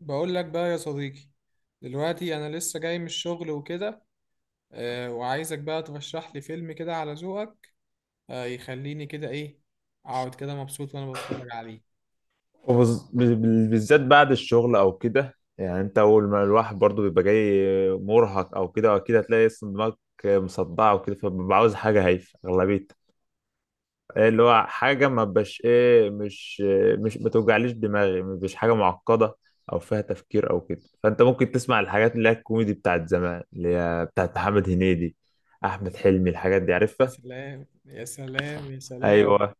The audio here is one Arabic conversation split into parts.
بقول لك بقى يا صديقي. دلوقتي انا لسه جاي من الشغل وكده. آه وعايزك بقى ترشح لي فيلم كده على ذوقك، يخليني كده ايه، اقعد كده مبسوط وانا بتفرج عليه. وبز- بال- بالذات بعد الشغل او كده يعني انت اول ما الواحد برضو بيبقى جاي مرهق او كده هتلاقي اصلا دماغك مصدعه وكده فببقى عاوز حاجه هايفه اغلبيتها. إيه اللي هو حاجه ما بقاش ايه، مش ما توجعليش دماغي، مش حاجه معقده او فيها تفكير او كده، فانت ممكن تسمع الحاجات اللي هي الكوميدي بتاعت زمان، اللي هي بتاعت محمد هنيدي، احمد حلمي، الحاجات دي يا عارفها. سلام يا سلام يا سلام، ايوه.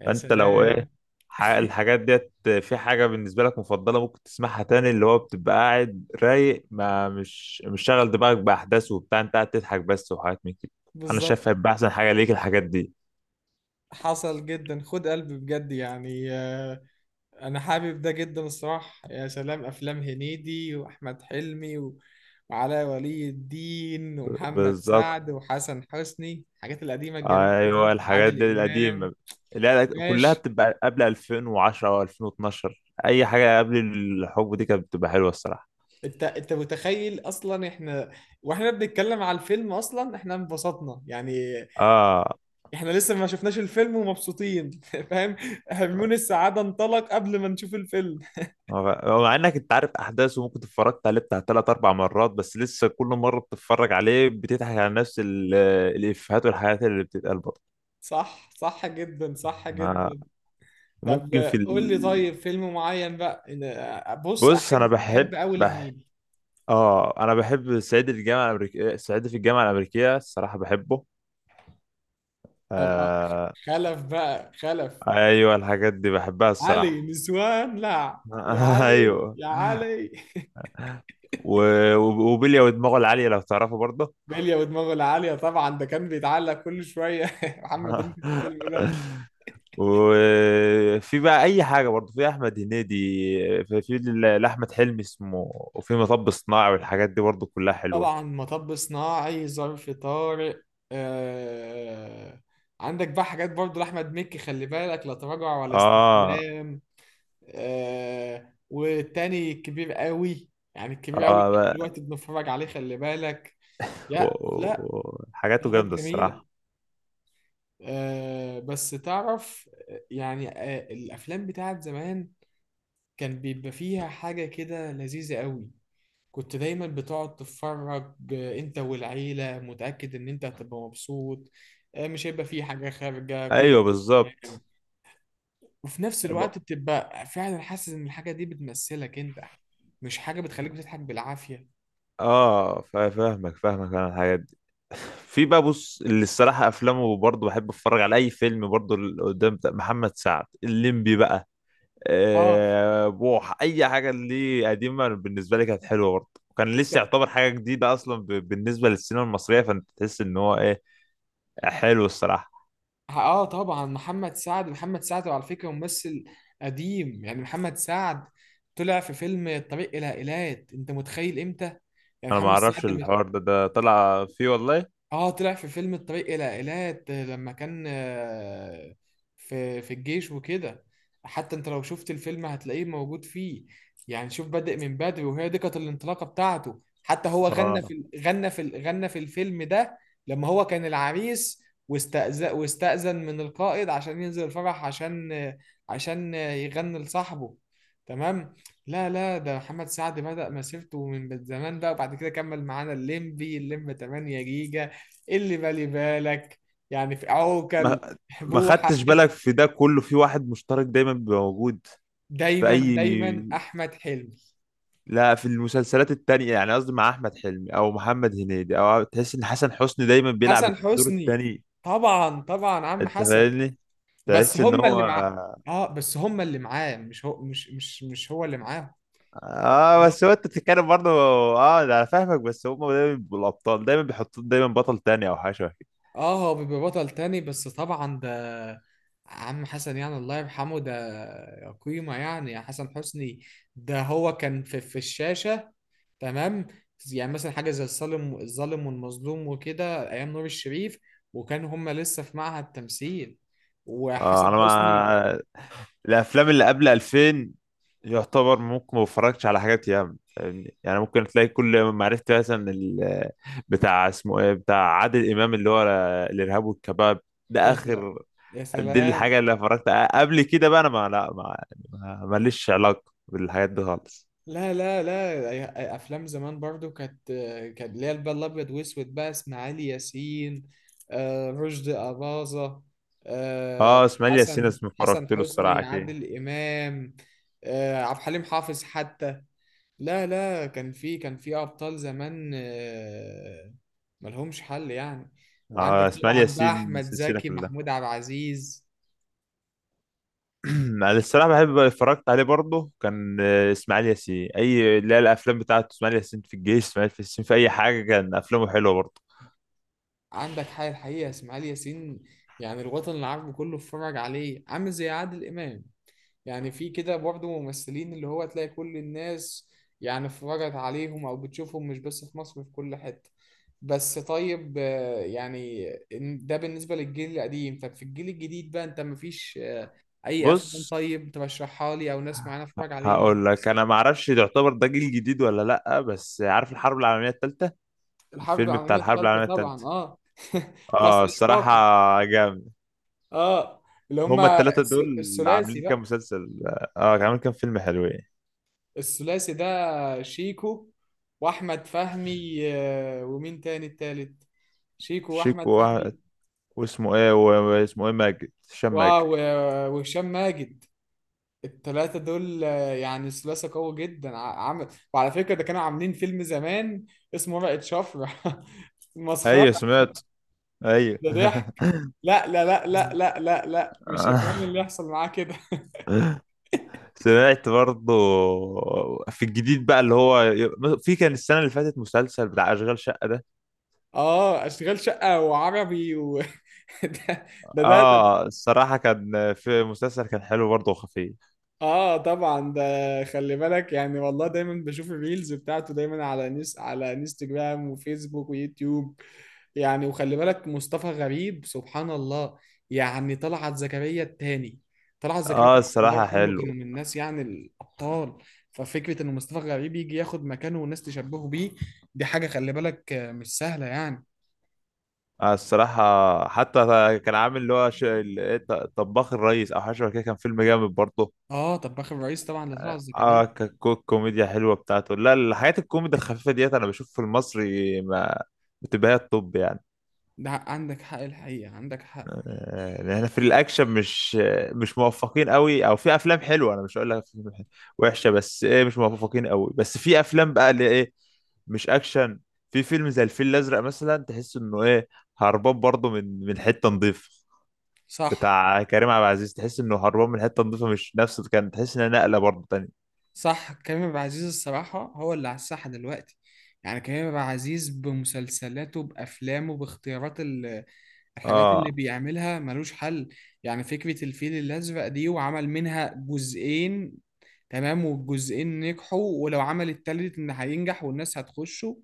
يا فانت لو ايه سلام. الحاجات ديت، في حاجه بالنسبه لك مفضله ممكن تسمعها تاني، اللي هو بتبقى قاعد رايق ما مش شاغل دماغك باحداث وبتاع، انت قاعد تضحك بس وحاجات من كده. انا بالظبط. شايف هيبقى احسن حاجه ليك الحاجات دي. حصل جدا، خد قلب بجد يعني. انا حابب ده جدا الصراحه. يا سلام، افلام هنيدي واحمد حلمي و... وعلاء ولي الدين ومحمد بالظبط. سعد وحسن حسني، الحاجات القديمه الجميله ايوه دي، الحاجات عادل دي امام. القديمه. لا كلها ماشي. بتبقى قبل 2010 او 2012، اي حاجه قبل الحقبه دي كانت بتبقى حلوه الصراحه. انت متخيل اصلا احنا، واحنا بنتكلم على الفيلم اصلا احنا انبسطنا يعني. اه، احنا لسه ما شفناش الفيلم ومبسوطين. فاهم؟ هرمون السعاده انطلق قبل ما نشوف الفيلم. مع انك انت عارف احداثه، ممكن اتفرجت عليه بتاع ثلاث اربع مرات بس لسه كل مره بتتفرج عليه بتضحك على نفس الافيهات والحاجات اللي بتتقال برضه. صح، صح جدا، صح ما- جدا. طب ممكن قول لي طيب فيلم معين بقى، بص، بص احب انا بحب احب قوي لهنيدي. اه انا بحب صعيدي في الجامعه الامريكيه، صعيدي في الجامعه الامريكيه، الصراحه بحبه. طب آه، آه... خلف بقى، خلف. ايوه الحاجات دي بحبها علي الصراحه. نسوان، لا. يا علي ايوه. يا علي و... وبيليا ودماغه العاليه لو تعرفه برضه. بلية ودماغه العالية طبعا، ده كان بيتعلق كل شوية محمد هنيدي في الفيلم ده. وفي بقى اي حاجه برضه، في احمد هنيدي، في لاحمد حلمي اسمه، وفي مطب صناعي والحاجات دي برضه كلها حلوه. طبعا مطب صناعي، ظرف طارق. آه... عندك بقى حاجات برضو لأحمد مكي، خلي بالك، لا تراجع ولا اه استسلام. آه والتاني كبير قوي، يعني الكبير قوي اه لحد بقى. دلوقتي بنتفرج عليه، خلي بالك. لا لا، في حاجاته حاجات جامده جميلة. الصراحه. بس تعرف الأفلام بتاعت زمان كان بيبقى فيها حاجة كده لذيذة قوي. كنت دايما بتقعد تتفرج آه، انت والعيلة، متأكد ان انت هتبقى مبسوط، آه مش هيبقى فيه حاجة خارجة كل. ايوه تمام، بالظبط. وفي نفس الوقت بتبقى فعلا حاسس ان الحاجه دي بتمثلك انت، مش حاجه بتخليك بتضحك بالعافيه. اه فاهمك انا الحاجات دي. في بقى، بص اللي الصراحه افلامه برضه بحب اتفرج على اي فيلم برضه، اللي قدام بتاع محمد سعد، الليمبي بقى. اه. بوح اي حاجه ليه قديمه بالنسبه لي كانت حلوه برضه، وكان انت. لسه يعتبر حاجه جديده اصلا بالنسبه للسينما المصريه، فانت تحس ان هو ايه، حلو الصراحه. اه طبعا، محمد سعد على فكره ممثل قديم يعني، محمد سعد طلع في فيلم الطريق الى ايلات، انت متخيل امتى؟ يعني انا ما محمد اعرفش سعد. الحوار ده، ده طلع فيه والله؟ اه طلع في فيلم الطريق الى ايلات لما كان آه، في الجيش وكده. حتى انت لو شفت الفيلم هتلاقيه موجود فيه. يعني شوف بادئ من بدري، وهي دي كانت الانطلاقه بتاعته، حتى هو اه غنى في الفيلم ده، لما هو كان العريس واستأذن من القائد عشان ينزل الفرح، عشان آه، عشان يغني لصاحبه. تمام. لا لا، ده محمد سعد بدأ مسيرته من زمان بقى، وبعد كده كمل معانا الليمبي، الليمبي 8 جيجا، إيه اللي بالي بالك، يعني في عوكل، ما ما بوحة. خدتش بالك في ده كله في واحد مشترك دايما بيبقى موجود. في دايما اي دايما أحمد حلمي. لا في المسلسلات التانية يعني، قصدي مع احمد حلمي او محمد هنيدي، او تحس ان حسن حسني دايما بيلعب حسن الدور حسني، التاني. طبعا طبعا عم انت حسن. فاهمني، بس تحس ان هم هو. اللي مع. اه بس هم اللي معاه، مش هو، مش هو اللي معاه. اه، بس هو انت بتتكلم برضه. اه ده انا فاهمك، بس هم دايما بيبقوا الابطال، دايما بيحطوا دايما بطل تاني او حاجه شبه كده. اه هو بيبقى بطل تاني بس طبعا، ده عم حسن يعني، الله يرحمه، ده قيمة يعني يا حسن حسني، ده هو كان في في الشاشة. تمام. يعني مثلا حاجه زي الظالم، والمظلوم وكده، ايام نور الشريف، وكان هما لسه في معهد تمثيل، اه وحسن انا حسني. ما الافلام اللي قبل 2000 يعتبر ممكن ما بتفرجش على حاجات ياما، فاهمني؟ يعني ممكن تلاقي كل ما عرفت مثلا بتاع اسمه ايه، بتاع عادل امام، اللي هو الارهاب والكباب، ده يا سلام اخر، يا دي سلام. الحاجه اللي اتفرجت قبل كده بقى. انا ما لا ما ما- ماليش علاقه بالحاجات دي خالص. لا لا لا، افلام زمان برضو كانت، كانت اللي هي بقى الابيض واسود بقى، اسماعيل ياسين آه، رشدي اباظه، آه، اه اسماعيل ياسين، اسمه حسن اتفرجت له حسني، الصراحه. عادل امام آه، عبد الحليم حافظ حتى. لا لا، كان في ابطال زمان آه، ملهمش حل يعني. وعندك آه اسماعيل طبعا بقى ياسين احمد السلسلة زكي، كلها. محمود عبد العزيز. أنا الصراحة بحب اتفرجت عليه برضه، كان اسماعيل ياسين أي لا الأفلام بتاعته، اسماعيل ياسين في الجيش، اسماعيل ياسين في أي حاجة، كان أفلامه حلوة برضه. عندك حي الحقيقه اسماعيل ياسين، يعني الوطن العربي كله اتفرج عليه، عامل زي عادل امام، يعني في كده برضه ممثلين اللي هو تلاقي كل الناس يعني اتفرجت عليهم او بتشوفهم مش بس في مصر، في كل حته. بس طيب آه، يعني ده بالنسبه للجيل القديم، طب في الجيل الجديد بقى انت، مفيش اي افلام بص، طيب ترشحها لي او ناس معانا اتفرج عليها؟ هقول لك أنا معرفش يعتبر ده جيل جديد ولا لأ، بس عارف الحرب العالمية التالتة؟ الحرب الفيلم بتاع العالميه الحرب الثالثه العالمية طبعا، التالتة، اه بتاع اه صديق الصراحة كاكو. جامد. اه، اللي هما هما التلاتة دول الثلاثي عاملين كام بقى. مسلسل، عاملين كام فيلم حلوين. الثلاثي ده شيكو واحمد فهمي آه، ومين تاني، التالت؟ شيكو واحمد شيكو فهمي، واسمه ايه هشام ماجد. واو آه، وهشام ماجد. التلاتة دول آه، يعني ثلاثة قوي جدا، عمل. وعلى فكرة ده كانوا عاملين فيلم زمان اسمه ورقة شفرة مسخرة. ايوه سمعت. ايوه. ده ضحك. لا، مش الكلام اللي يحصل معاه كده. سمعت برضه. في الجديد بقى اللي هو، في، كان السنة اللي فاتت مسلسل بتاع أشغال شقة ده. اه اشتغال شقة وعربي و... ده ده. اه الصراحة كان في مسلسل كان حلو برضه وخفيف. اه طبعا ده، خلي بالك يعني، والله دايما بشوف الريلز بتاعته دايما على نس على انستجرام وفيسبوك ويوتيوب يعني، وخلي بالك مصطفى غريب سبحان الله، يعني طلعت زكريا التاني. طلعت زكريا اه التاني الله الصراحة يرحمه، كانوا حلو. من الناس يعني الابطال. ففكره ان مصطفى غريب يجي ياخد مكانه والناس تشبهه بيه، دي حاجه خلي بالك آه، مش سهله يعني. آه الصراحة حتى كان عامل اللي هو ش... ال- إيه، ط- طباخ الريس أو حاجة شبه كده، كان فيلم جامد برضه. اه طب اخر رئيس طبعا لطلعت زكريا. اه الكوميديا حلوة بتاعته. لا الحاجات الكوميديا الخفيفة ديت أنا بشوف في المصري ما بتبقى هي الطب يعني. ده عندك حق الحقيقه، عندك حق. احنا في الاكشن مش موفقين قوي، او في افلام حلوه، انا مش هقول لك وحشه، بس ايه مش موفقين قوي، بس في افلام بقى اللي ايه، مش اكشن. في فيلم زي الفيل الازرق مثلا، تحس انه ايه، هربان برضه من حته نظيفه. صح، بتاع كريم عبد العزيز، تحس انه هربان من حته نظيفه، مش نفس، كان تحس انها نقله برضه تانية. صح. كريم عبد العزيز الصراحة هو اللي على الساحة دلوقتي، يعني كريم عبد العزيز بمسلسلاته بأفلامه باختيارات الحاجات اه. اللي بيعملها ملوش حل يعني. فكرة الفيل الأزرق دي وعمل منها جزئين، تمام، والجزئين نجحوا، ولو عمل التالت إن هينجح والناس هتخشه.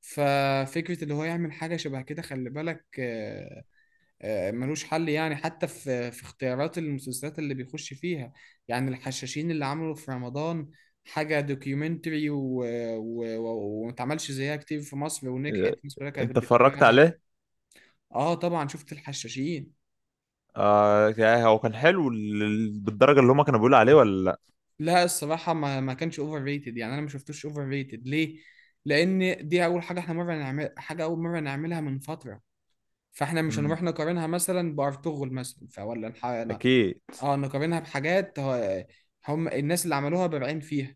ففكرة اللي هو يعمل حاجة شبه كده خلي بالك آه، آه، ملوش حل يعني. حتى في اختيارات المسلسلات اللي بيخش فيها، يعني الحشاشين اللي عملوا في رمضان، حاجة دوكيومنتري وما اتعملش زيها كتير في مصر، ونجحت، الناس كلها كانت انت اتفرجت بتتابعها. عليه. اه طبعا شفت الحشاشين. اه يعني هو كان حلو بالدرجه اللي هما كانوا بيقولوا عليه ولا لا؟ لا الصراحة ما كانش اوفر ريتد يعني، انا ما شفتوش اوفر ريتد، ليه؟ لان دي اول حاجة احنا مرة نعمل حاجة، اول مرة نعملها من فترة، فاحنا مش امم، هنروح نقارنها مثلا بارطغرل مثلا، فولا. اكيد. اه نقارنها بحاجات هم الناس اللي عملوها بارعين فيها،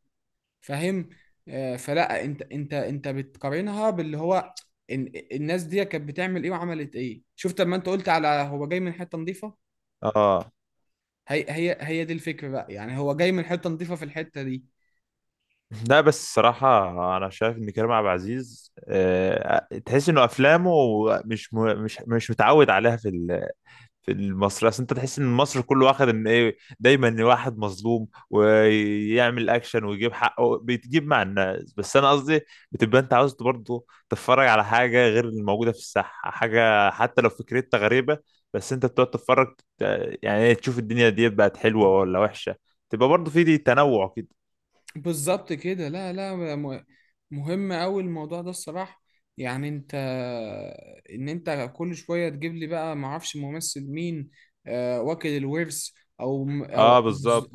فاهم؟ آه، فلا انت بتقارنها باللي هو إن الناس دي كانت بتعمل ايه وعملت ايه. شفت لما انت قلت على هو جاي من حته نظيفه؟ اه هي دي الفكره بقى يعني، هو جاي من حته نظيفه في الحته دي. لا بس الصراحة أنا شايف إن كريم عبد العزيز، تحس إنه أفلامه مش م... مش مش متعود عليها في في المصري. أصل أنت تحس إن مصر كله واخد إن إيه، دايما واحد مظلوم ويعمل أكشن ويجيب حقه بيتجيب مع الناس، بس أنا قصدي بتبقى أنت عاوز برضه تتفرج على حاجة غير الموجودة في الساحة، حاجة حتى لو فكرتها غريبة بس أنت بتقعد تتفرج يعني إيه، تشوف الدنيا دي بقت حلوة ولا وحشة. تبقى برضه في دي تنوع كده. بالظبط كده. لا لا، مهم أوي الموضوع ده الصراحة. يعني انت، ان انت كل شوية تجيب لي بقى معرفش ممثل مين، آه، واكل الورث، او م- او اه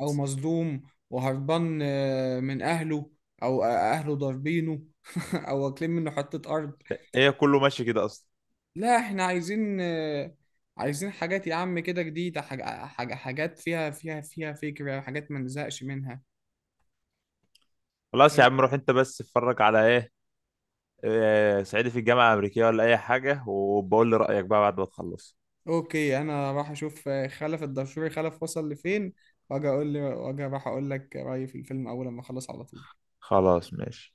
او مظلوم وهربان آه، من اهله، او اهله ضاربينه او واكلين منه حتة ارض. هي كله ماشي كده اصلا. لا احنا عايزين آه، عايزين حاجات يا عم كده جديدة، حاجات فيها فيها فكرة، حاجات ما نزهقش منها. خلاص يا عم، روح انت بس اتفرج على ايه، صعيدي في الجامعه الامريكيه ولا اي حاجه، وبقول لي رايك بقى بعد ما تخلص. اوكي، انا راح اشوف آه، خلف الدشوري، خلف وصل لفين، واجي اقول لي واجي راح اقول لك رايي في الفيلم اول لما اخلص على طول. خلاص ماشي.